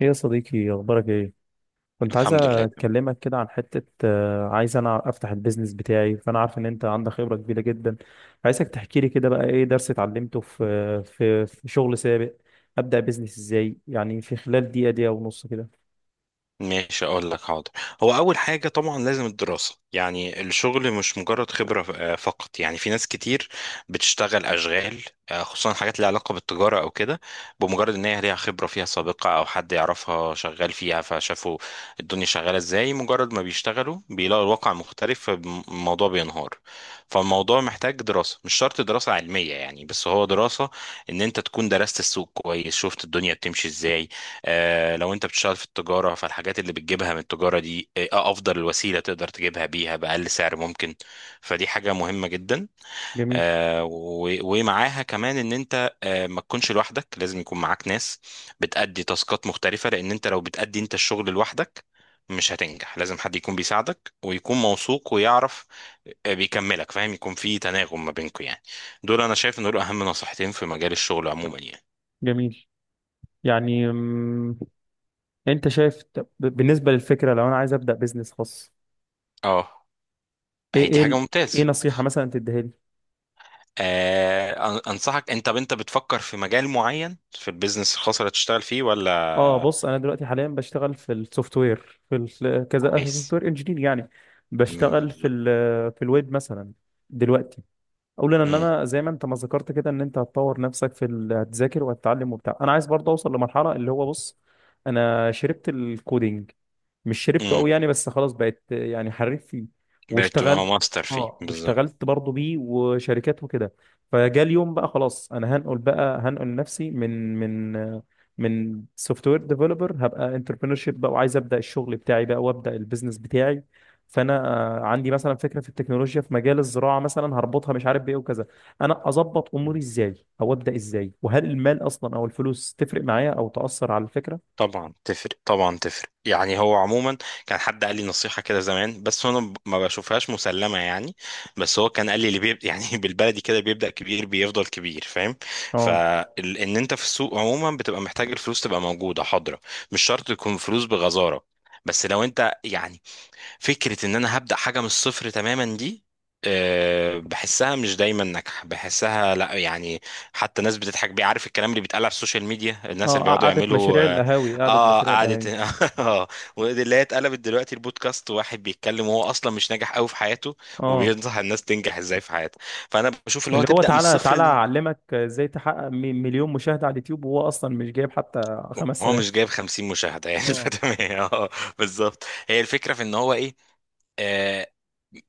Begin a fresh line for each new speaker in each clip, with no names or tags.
ايه يا صديقي، اخبارك ايه؟ كنت عايز
الحمد لله، تمام.
اكلمك كده عن حته، عايز انا افتح البيزنس بتاعي. فانا عارف ان انت عندك خبره كبيره جدا. عايزك تحكي لي كده بقى، ايه درس اتعلمته في شغل سابق؟ ابدا بيزنس ازاي، يعني في خلال دقيقه، دقيقه ونص كده.
ماشي، اقول لك، حاضر. هو اول حاجه طبعا لازم الدراسه، يعني الشغل مش مجرد خبره فقط. يعني في ناس كتير بتشتغل اشغال، خصوصا حاجات ليها علاقه بالتجاره او كده، بمجرد ان هي ليها خبره فيها سابقه او حد يعرفها شغال فيها، فشافوا الدنيا شغاله ازاي. مجرد ما بيشتغلوا بيلاقوا الواقع مختلف، فالموضوع بينهار. فالموضوع محتاج دراسه، مش شرط دراسه علميه يعني، بس هو دراسه ان انت تكون درست السوق كويس، شفت الدنيا بتمشي ازاي. لو انت بتشتغل في التجارة، فالحاجات اللي بتجيبها من التجارة دي، افضل الوسيلة تقدر تجيبها بيها بأقل سعر ممكن. فدي حاجة مهمة جدا.
جميل.
ومعاها كمان ان انت ما تكونش لوحدك، لازم يكون معاك ناس بتأدي تاسكات مختلفة، لان انت لو بتأدي انت الشغل لوحدك مش هتنجح. لازم حد يكون بيساعدك، ويكون موثوق ويعرف، بيكملك، فاهم؟ يكون في تناغم ما بينكم يعني. دول انا شايف ان دول اهم نصيحتين في مجال الشغل عموما يعني.
جميل. يعني، انت شايف، طب بالنسبه للفكره لو انا عايز ابدا بيزنس خاص؟
اه،
ايه
هي دي
ايه
حاجة
ال- ايه
ممتازة.
نصيحه مثلا تديها لي؟
انصحك انت، طب انت بتفكر في مجال معين في البيزنس الخاص اللي هتشتغل فيه
اه،
ولا؟
بص، انا دلوقتي حاليا بشتغل في السوفت وير، كذا سوفت
كويس.
وير انجينير يعني. بشتغل
مم.
في الويب مثلا دلوقتي. اولا ان
مم.
انا زي ما انت ما ذكرت كده، ان انت هتطور نفسك هتذاكر وهتتعلم وبتاع. انا عايز برضه اوصل لمرحله اللي هو، بص، انا شربت الكودينج، مش شربته
مم.
قوي يعني، بس خلاص بقيت يعني حريف فيه.
بتبقى
واشتغلت.
ماستر فيه
اه،
بالظبط.
واشتغلت برضه بيه وشركات وكده. فجاء اليوم بقى خلاص، انا هنقل بقى، هنقل نفسي من سوفت وير ديفلوبر، هبقى انتربرينور شيب بقى، وعايز ابدا الشغل بتاعي بقى وابدا البيزنس بتاعي. فانا، عندي مثلا فكره في التكنولوجيا في مجال الزراعه، مثلا هربطها مش عارف بايه وكذا. انا اظبط اموري
مم.
ازاي، او ابدا ازاي، وهل المال اصلا او الفلوس تفرق معايا او تاثر على الفكره؟
طبعا تفرق، طبعا تفرق، يعني هو عموما كان حد قال لي نصيحة كده زمان، بس انا ما بشوفهاش مسلمة يعني. بس هو كان قال لي اللي يعني بالبلدي كده، بيبدأ كبير بيفضل كبير، فاهم؟
اه.
فان انت في السوق عموما بتبقى محتاج الفلوس تبقى موجودة حاضرة. مش شرط تكون فلوس بغزارة، بس لو انت يعني فكرة ان انا هبدأ حاجة من الصفر تماما دي، بحسها مش دايما ناجحة، بحسها لا يعني. حتى ناس بتضحك بيه، عارف الكلام اللي بيتقال على السوشيال ميديا؟ الناس
اه،
اللي بيقعدوا
قعدة
يعملوا
مشاريع
اه،
القهاوي، قعدة مشاريع
قعدة
القهاوي!
اه. ودي اللي هي اتقلبت دلوقتي البودكاست، واحد بيتكلم وهو اصلا مش ناجح قوي في حياته،
اه،
وبينصح الناس تنجح ازاي في حياتها. فانا بشوف اللي هو
اللي هو
تبدأ من
تعالى
الصفر،
تعالى اعلمك ازاي تحقق مليون مشاهدة على اليوتيوب، وهو اصلا مش جايب حتى
هو
5000.
مش جايب 50 مشاهدة يعني
اه،
فتمام، اه، اه، بالظبط. هي الفكرة في ان هو ايه؟ آه.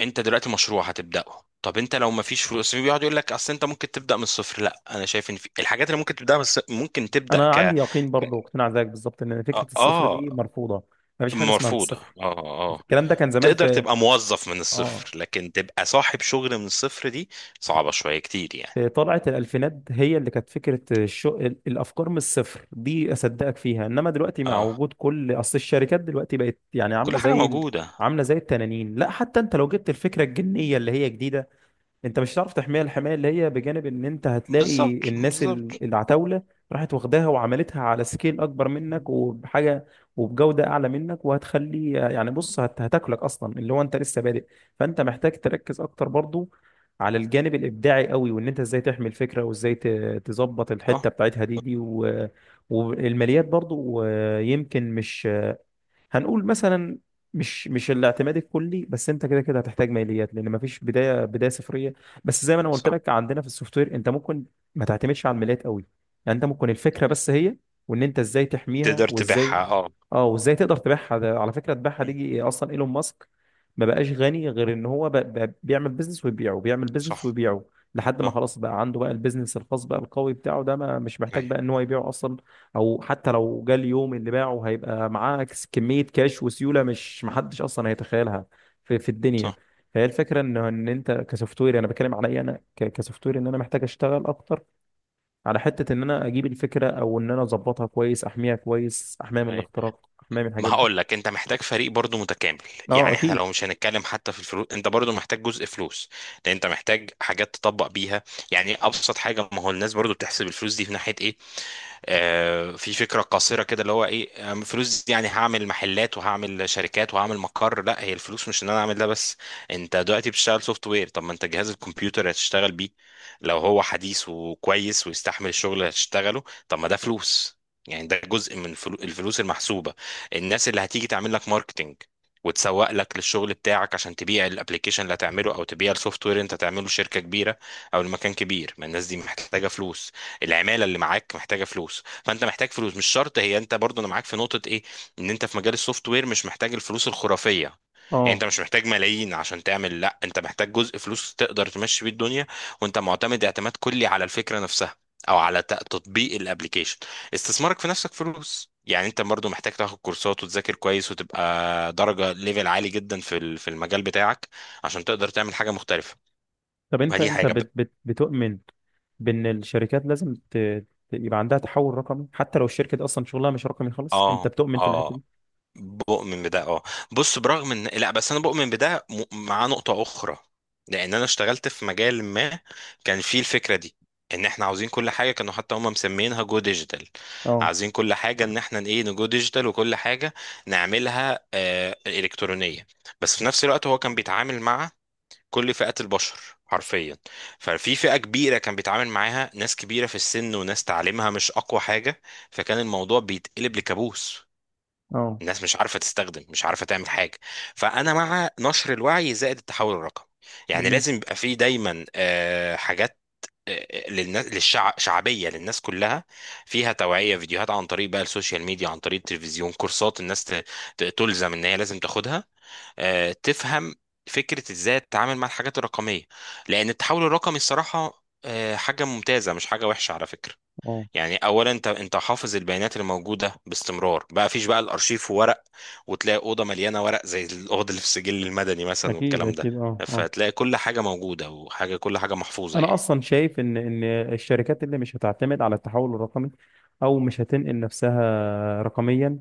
انت دلوقتي مشروع هتبدأه، طب انت لو ما فيش فلوس بيقعد يقول لك اصل انت ممكن تبدأ من الصفر. لا، انا شايف ان في الحاجات اللي ممكن تبدأ من الصفر، ممكن تبدأ
انا عندي يقين
ك...
برضه واقتناع زيك بالظبط، ان
اه،
فكرة الصفر دي مرفوضة. مفيش حاجة اسمها
مرفوضة. اه،
بالصفر.
اه،
الكلام ده كان زمان
تقدر تبقى موظف من
اه
الصفر، لكن تبقى صاحب شغل من الصفر دي صعبة شوية كتير يعني.
في طلعة الالفينات هي اللي كانت فكرة الافكار من الصفر دي، اصدقك فيها. انما دلوقتي مع
اه.
وجود كل، اصل الشركات دلوقتي بقت يعني
كل حاجة موجودة.
عاملة زي التنانين. لا، حتى انت لو جبت الفكرة الجنية اللي هي جديدة، انت مش هتعرف تحميها الحمايه اللي هي، بجانب ان انت هتلاقي
بالظبط
الناس
بالظبط.
العتاوله راحت واخداها وعملتها على سكيل اكبر منك، وبحاجه وبجوده اعلى منك، وهتخلي يعني، بص، هتاكلك اصلا اللي هو انت لسه بادئ. فانت محتاج تركز اكتر برضو على الجانب الابداعي قوي، وان انت ازاي تحمي الفكره، وازاي تظبط
صح.
الحته بتاعتها دي والماليات برضو. يمكن مش هنقول مثلا، مش الاعتماد الكلي، بس انت كده كده هتحتاج ماليات، لان مفيش بدايه، بدايه صفريه. بس زي ما انا قلت
صح،
لك، عندنا في السوفت وير انت ممكن ما تعتمدش على الماليات قوي. يعني انت ممكن الفكره بس هي، وان انت ازاي تحميها،
تقدر
وازاي،
تبيعها اه.
اه، وازاي تقدر تبيعها. ده على فكره، تبيعها
مم.
دي اصلا ايلون ماسك ما بقاش غني غير ان هو بقى بيعمل بيزنس ويبيعه، بيعمل بيزنس
صح.
ويبيعه، لحد ما
صح.
خلاص بقى عنده بقى البيزنس الخاص بقى القوي بتاعه ده، ما مش محتاج
ايوه.
بقى ان هو يبيعه اصلا. او حتى لو جه اليوم اللي باعه، هيبقى معاه كمية كاش وسيولة مش محدش اصلا هيتخيلها في الدنيا.
صح.
فهي الفكرة، ان انت كسوفت وير، انا بتكلم عليا انا، كسوفت وير، ان انا محتاج اشتغل اكتر على حتة ان انا اجيب الفكرة، او ان انا اظبطها كويس، احميها كويس، احميها من
ايوه،
الاختراق، احميها من
ما
الحاجات دي.
هقول لك، انت محتاج فريق برضو متكامل.
اه،
يعني احنا
اكيد.
لو مش هنتكلم حتى في الفلوس، انت برضو محتاج جزء فلوس، لان انت محتاج حاجات تطبق بيها. يعني ابسط حاجه، ما هو الناس برضو بتحسب الفلوس دي في ناحيه ايه. في فكره قاصره كده، اللي هو ايه، فلوس دي يعني هعمل محلات وهعمل شركات وهعمل مقر. لا، هي الفلوس مش ان انا اعمل ده بس. انت دلوقتي بتشتغل سوفت وير، طب ما انت جهاز الكمبيوتر اللي هتشتغل بيه لو هو حديث وكويس ويستحمل الشغل اللي هتشتغله، طب ما ده فلوس. يعني ده جزء من الفلوس المحسوبه. الناس اللي هتيجي تعمل لك ماركتنج وتسوق لك للشغل بتاعك، عشان تبيع الابليكيشن اللي هتعمله، او تبيع السوفت وير انت تعمله لشركه كبيره او لمكان كبير، ما الناس دي محتاجه فلوس. العماله اللي معاك محتاجه فلوس، فانت محتاج فلوس. مش شرط هي، انت برضو، انا معاك في نقطه ايه، ان انت في مجال السوفت وير مش محتاج الفلوس الخرافيه. يعني انت
اه،
مش محتاج ملايين عشان تعمل. لا، انت محتاج جزء فلوس تقدر تمشي بيه الدنيا، وانت معتمد اعتماد كلي على الفكره نفسها، او على تطبيق الابليكيشن. استثمارك في نفسك فلوس، يعني انت برضو محتاج تاخد كورسات وتذاكر كويس، وتبقى درجه ليفل عالي جدا في في المجال بتاعك عشان تقدر تعمل حاجه مختلفه.
طب
ما
انت،
دي
انت
حاجه
بت بت بتؤمن بان الشركات لازم، يبقى عندها تحول رقمي، حتى لو الشركة دي اصلا شغلها مش رقمي خالص، انت
اه،
بتؤمن في الحتة دي؟
اه، بؤمن بده، اه. بص، برغم ان لا، بس انا بؤمن بده مع نقطة اخرى، لان انا اشتغلت في مجال ما كان فيه الفكرة دي، ان احنا عاوزين كل حاجة، كانوا حتى هم مسمينها جو ديجيتال.
اه،
عايزين كل حاجة ان احنا ايه، نجو ديجيتال، وكل حاجة نعملها آه الكترونية. بس في نفس الوقت هو كان بيتعامل مع كل فئات البشر، حرفيا. ففي فئة كبيرة كان بيتعامل معاها، ناس كبيرة في السن وناس تعليمها مش اقوى حاجة. فكان الموضوع بيتقلب لكابوس.
اه.
الناس مش عارفه تستخدم، مش عارفه تعمل حاجه. فانا مع نشر الوعي زائد التحول الرقمي. يعني
جميل.
لازم يبقى فيه دايما حاجات للناس، للشعب، شعبيه للناس كلها، فيها توعيه، فيديوهات عن طريق بقى السوشيال ميديا، عن طريق التلفزيون، كورسات الناس تلزم ان هي لازم تاخدها، تفهم فكره ازاي تتعامل مع الحاجات الرقميه. لان التحول الرقمي الصراحه حاجه ممتازه، مش حاجه وحشه على فكره.
اه،
يعني اولا انت، انت حافظ البيانات الموجوده باستمرار، بقى فيش بقى الارشيف ورق، وتلاقي اوضه مليانه ورق زي الاوضه اللي في السجل المدني مثلا
اكيد،
والكلام ده.
اكيد، اه، اه.
فتلاقي كل حاجه موجوده، وحاجه كل حاجه محفوظه
انا
يعني.
اصلا شايف ان الشركات اللي مش هتعتمد على التحول الرقمي، او مش هتنقل نفسها رقميا،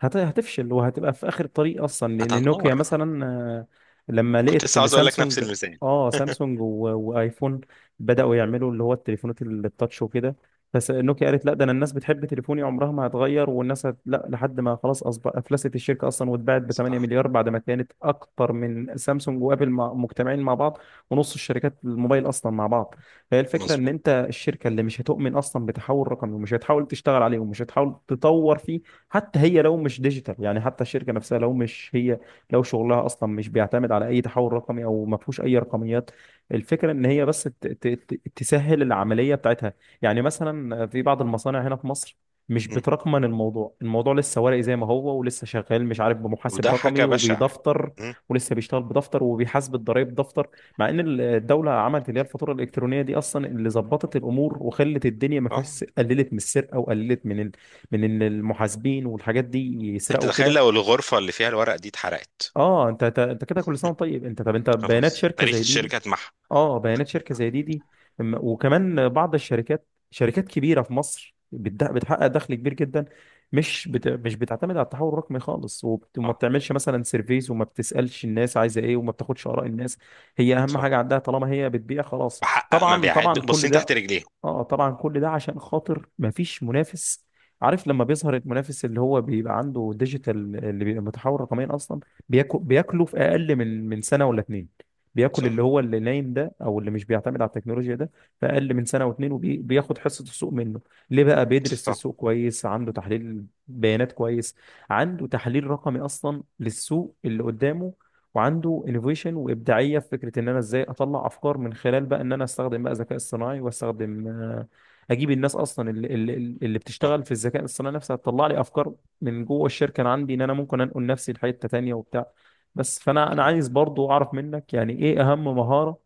هتفشل وهتبقى في اخر الطريق اصلا، لان نوكيا
هتنهار.
مثلا، لما
كنت
لقيت
لسه
ان
عاوز اقول لك نفس
سامسونج،
المثال.
اه سامسونج وايفون بداوا يعملوا اللي هو التليفونات التاتش وكده، بس نوكيا قالت لا، ده انا الناس بتحب تليفوني عمرها ما هتغير، والناس لا، لحد ما خلاص اصبح افلست الشركه اصلا، واتباعت ب 8
صح.
مليار، بعد ما كانت اكتر من سامسونج وابل مجتمعين مع بعض، ونص الشركات الموبايل اصلا مع بعض. فهي الفكره، ان
مظبوط.
انت الشركه اللي مش هتؤمن اصلا بتحول رقمي، ومش هتحاول تشتغل عليه، ومش هتحاول تطور فيه، حتى هي لو مش ديجيتال، يعني حتى الشركه نفسها، لو مش هي، لو شغلها اصلا مش بيعتمد على اي تحول رقمي، او ما فيهوش اي رقميات، الفكره ان هي بس تسهل العمليه بتاعتها. يعني مثلا في بعض المصانع هنا في مصر، مش
مم.
بترقمن الموضوع. الموضوع لسه ورقي زي ما هو، ولسه شغال مش عارف، بمحاسب
وده حاجه
رقمي
بشعه.
وبيدفتر،
مم.
ولسه بيشتغل بدفتر، وبيحاسب الضرايب دفتر. مع ان الدوله عملت اللي هي الفاتوره الالكترونيه دي اصلا، اللي ظبطت الامور، وخلت الدنيا ما
اه،
فيهاش، قللت من السرقه، وقللت من من ان المحاسبين والحاجات دي
انت
يسرقوا
تخيل
كده.
لو الغرفه اللي فيها الورق دي اتحرقت.
اه، انت كده كل سنه
مم.
وأنت طيب. انت طب انت، بيانات
خلاص،
شركه
تاريخ
زي دي.
الشركه اتمحى.
اه، بيانات شركه زي دي. وكمان بعض الشركات، شركات كبيره في مصر، بتحقق دخل كبير جدا، مش بتعتمد على التحول الرقمي خالص، وما
اه.
بتعملش مثلا سيرفيز، وما بتسالش الناس عايزه ايه، وما بتاخدش اراء الناس. هي اهم
صح.
حاجه عندها طالما هي بتبيع خلاص.
بحقق
طبعا،
مبيعات
طبعا، كل
باصين
ده.
تحت رجليهم.
اه، طبعا، كل ده عشان خاطر مفيش منافس. عارف لما بيظهر المنافس اللي هو بيبقى عنده ديجيتال، اللي بيبقى متحول رقميا اصلا، بياكله في اقل من سنه ولا اتنين، بياكل اللي
صح.
هو اللي نايم ده، او اللي مش بيعتمد على التكنولوجيا ده، في اقل من سنه واتنين، وبياخد حصه السوق منه. ليه بقى؟ بيدرس
صح.
السوق كويس، عنده تحليل بيانات كويس، عنده تحليل رقمي اصلا للسوق اللي قدامه، وعنده انوفيشن وابداعيه في فكره ان انا ازاي اطلع افكار، من خلال بقى ان انا استخدم بقى ذكاء اصطناعي، واستخدم، اجيب الناس اصلا اللي
صح.
بتشتغل في الذكاء الاصطناعي نفسها، تطلع لي افكار من جوه الشركه. انا عندي ان انا ممكن انقل نفسي لحته تانيه وبتاع. بس فانا عايز برضو اعرف منك، يعني ايه اهم مهاره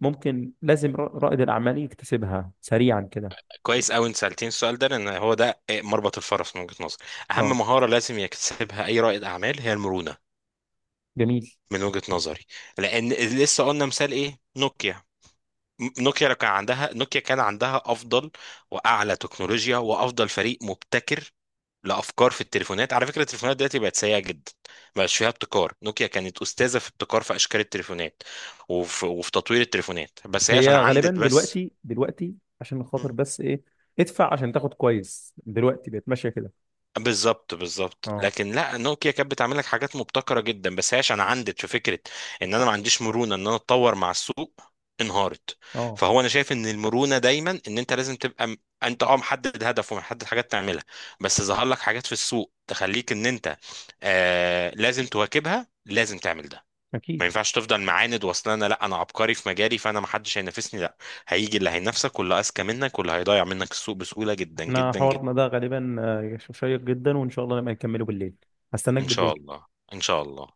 ممكن، لازم رائد الاعمال يكتسبها سريعا كده؟
كويس قوي انت سالتين السؤال ده، لان هو ده مربط الفرس من وجهه نظري. اهم
اه.
مهاره لازم يكتسبها اي رائد اعمال هي المرونه،
جميل.
من وجهه نظري. لان لسه قلنا مثال ايه؟ نوكيا. نوكيا لو كان عندها، نوكيا كان عندها افضل واعلى تكنولوجيا، وافضل فريق مبتكر لافكار في التليفونات. على فكره التليفونات دلوقتي بقت سيئه جدا، مبقاش فيها ابتكار. نوكيا كانت استاذه في ابتكار في اشكال التليفونات وفي تطوير التليفونات، بس هي عشان
هي غالبا
عندت بس.
دلوقتي، دلوقتي عشان خاطر بس ايه، ادفع عشان تاخد كويس، دلوقتي بقت ماشيه كده.
بالظبط بالظبط.
اه،
لكن لا، نوكيا كانت بتعمل لك حاجات مبتكره جدا، بس هي عشان عندت في فكره ان انا ما عنديش مرونه ان انا اتطور مع السوق، انهارت.
اه،
فهو انا شايف ان المرونه دايما ان انت لازم تبقى انت اه محدد هدف ومحدد حاجات تعملها، بس ظهر لك حاجات في السوق تخليك ان انت آه لازم تواكبها، لازم تعمل ده.
اكيد.
ما ينفعش تفضل معاند، واصل انا لا انا عبقري في مجالي، فانا ما حدش هينافسني. لا، هيجي اللي هينافسك، واللي اذكى منك، واللي هيضيع منك السوق بسهوله جدا
احنا
جدا جدا.
حوارنا ده غالبا، شيق جدا، وان شاء الله نبقى نكمله بالليل. هستناك
ان شاء
بالليل.
الله. ان شاء الله.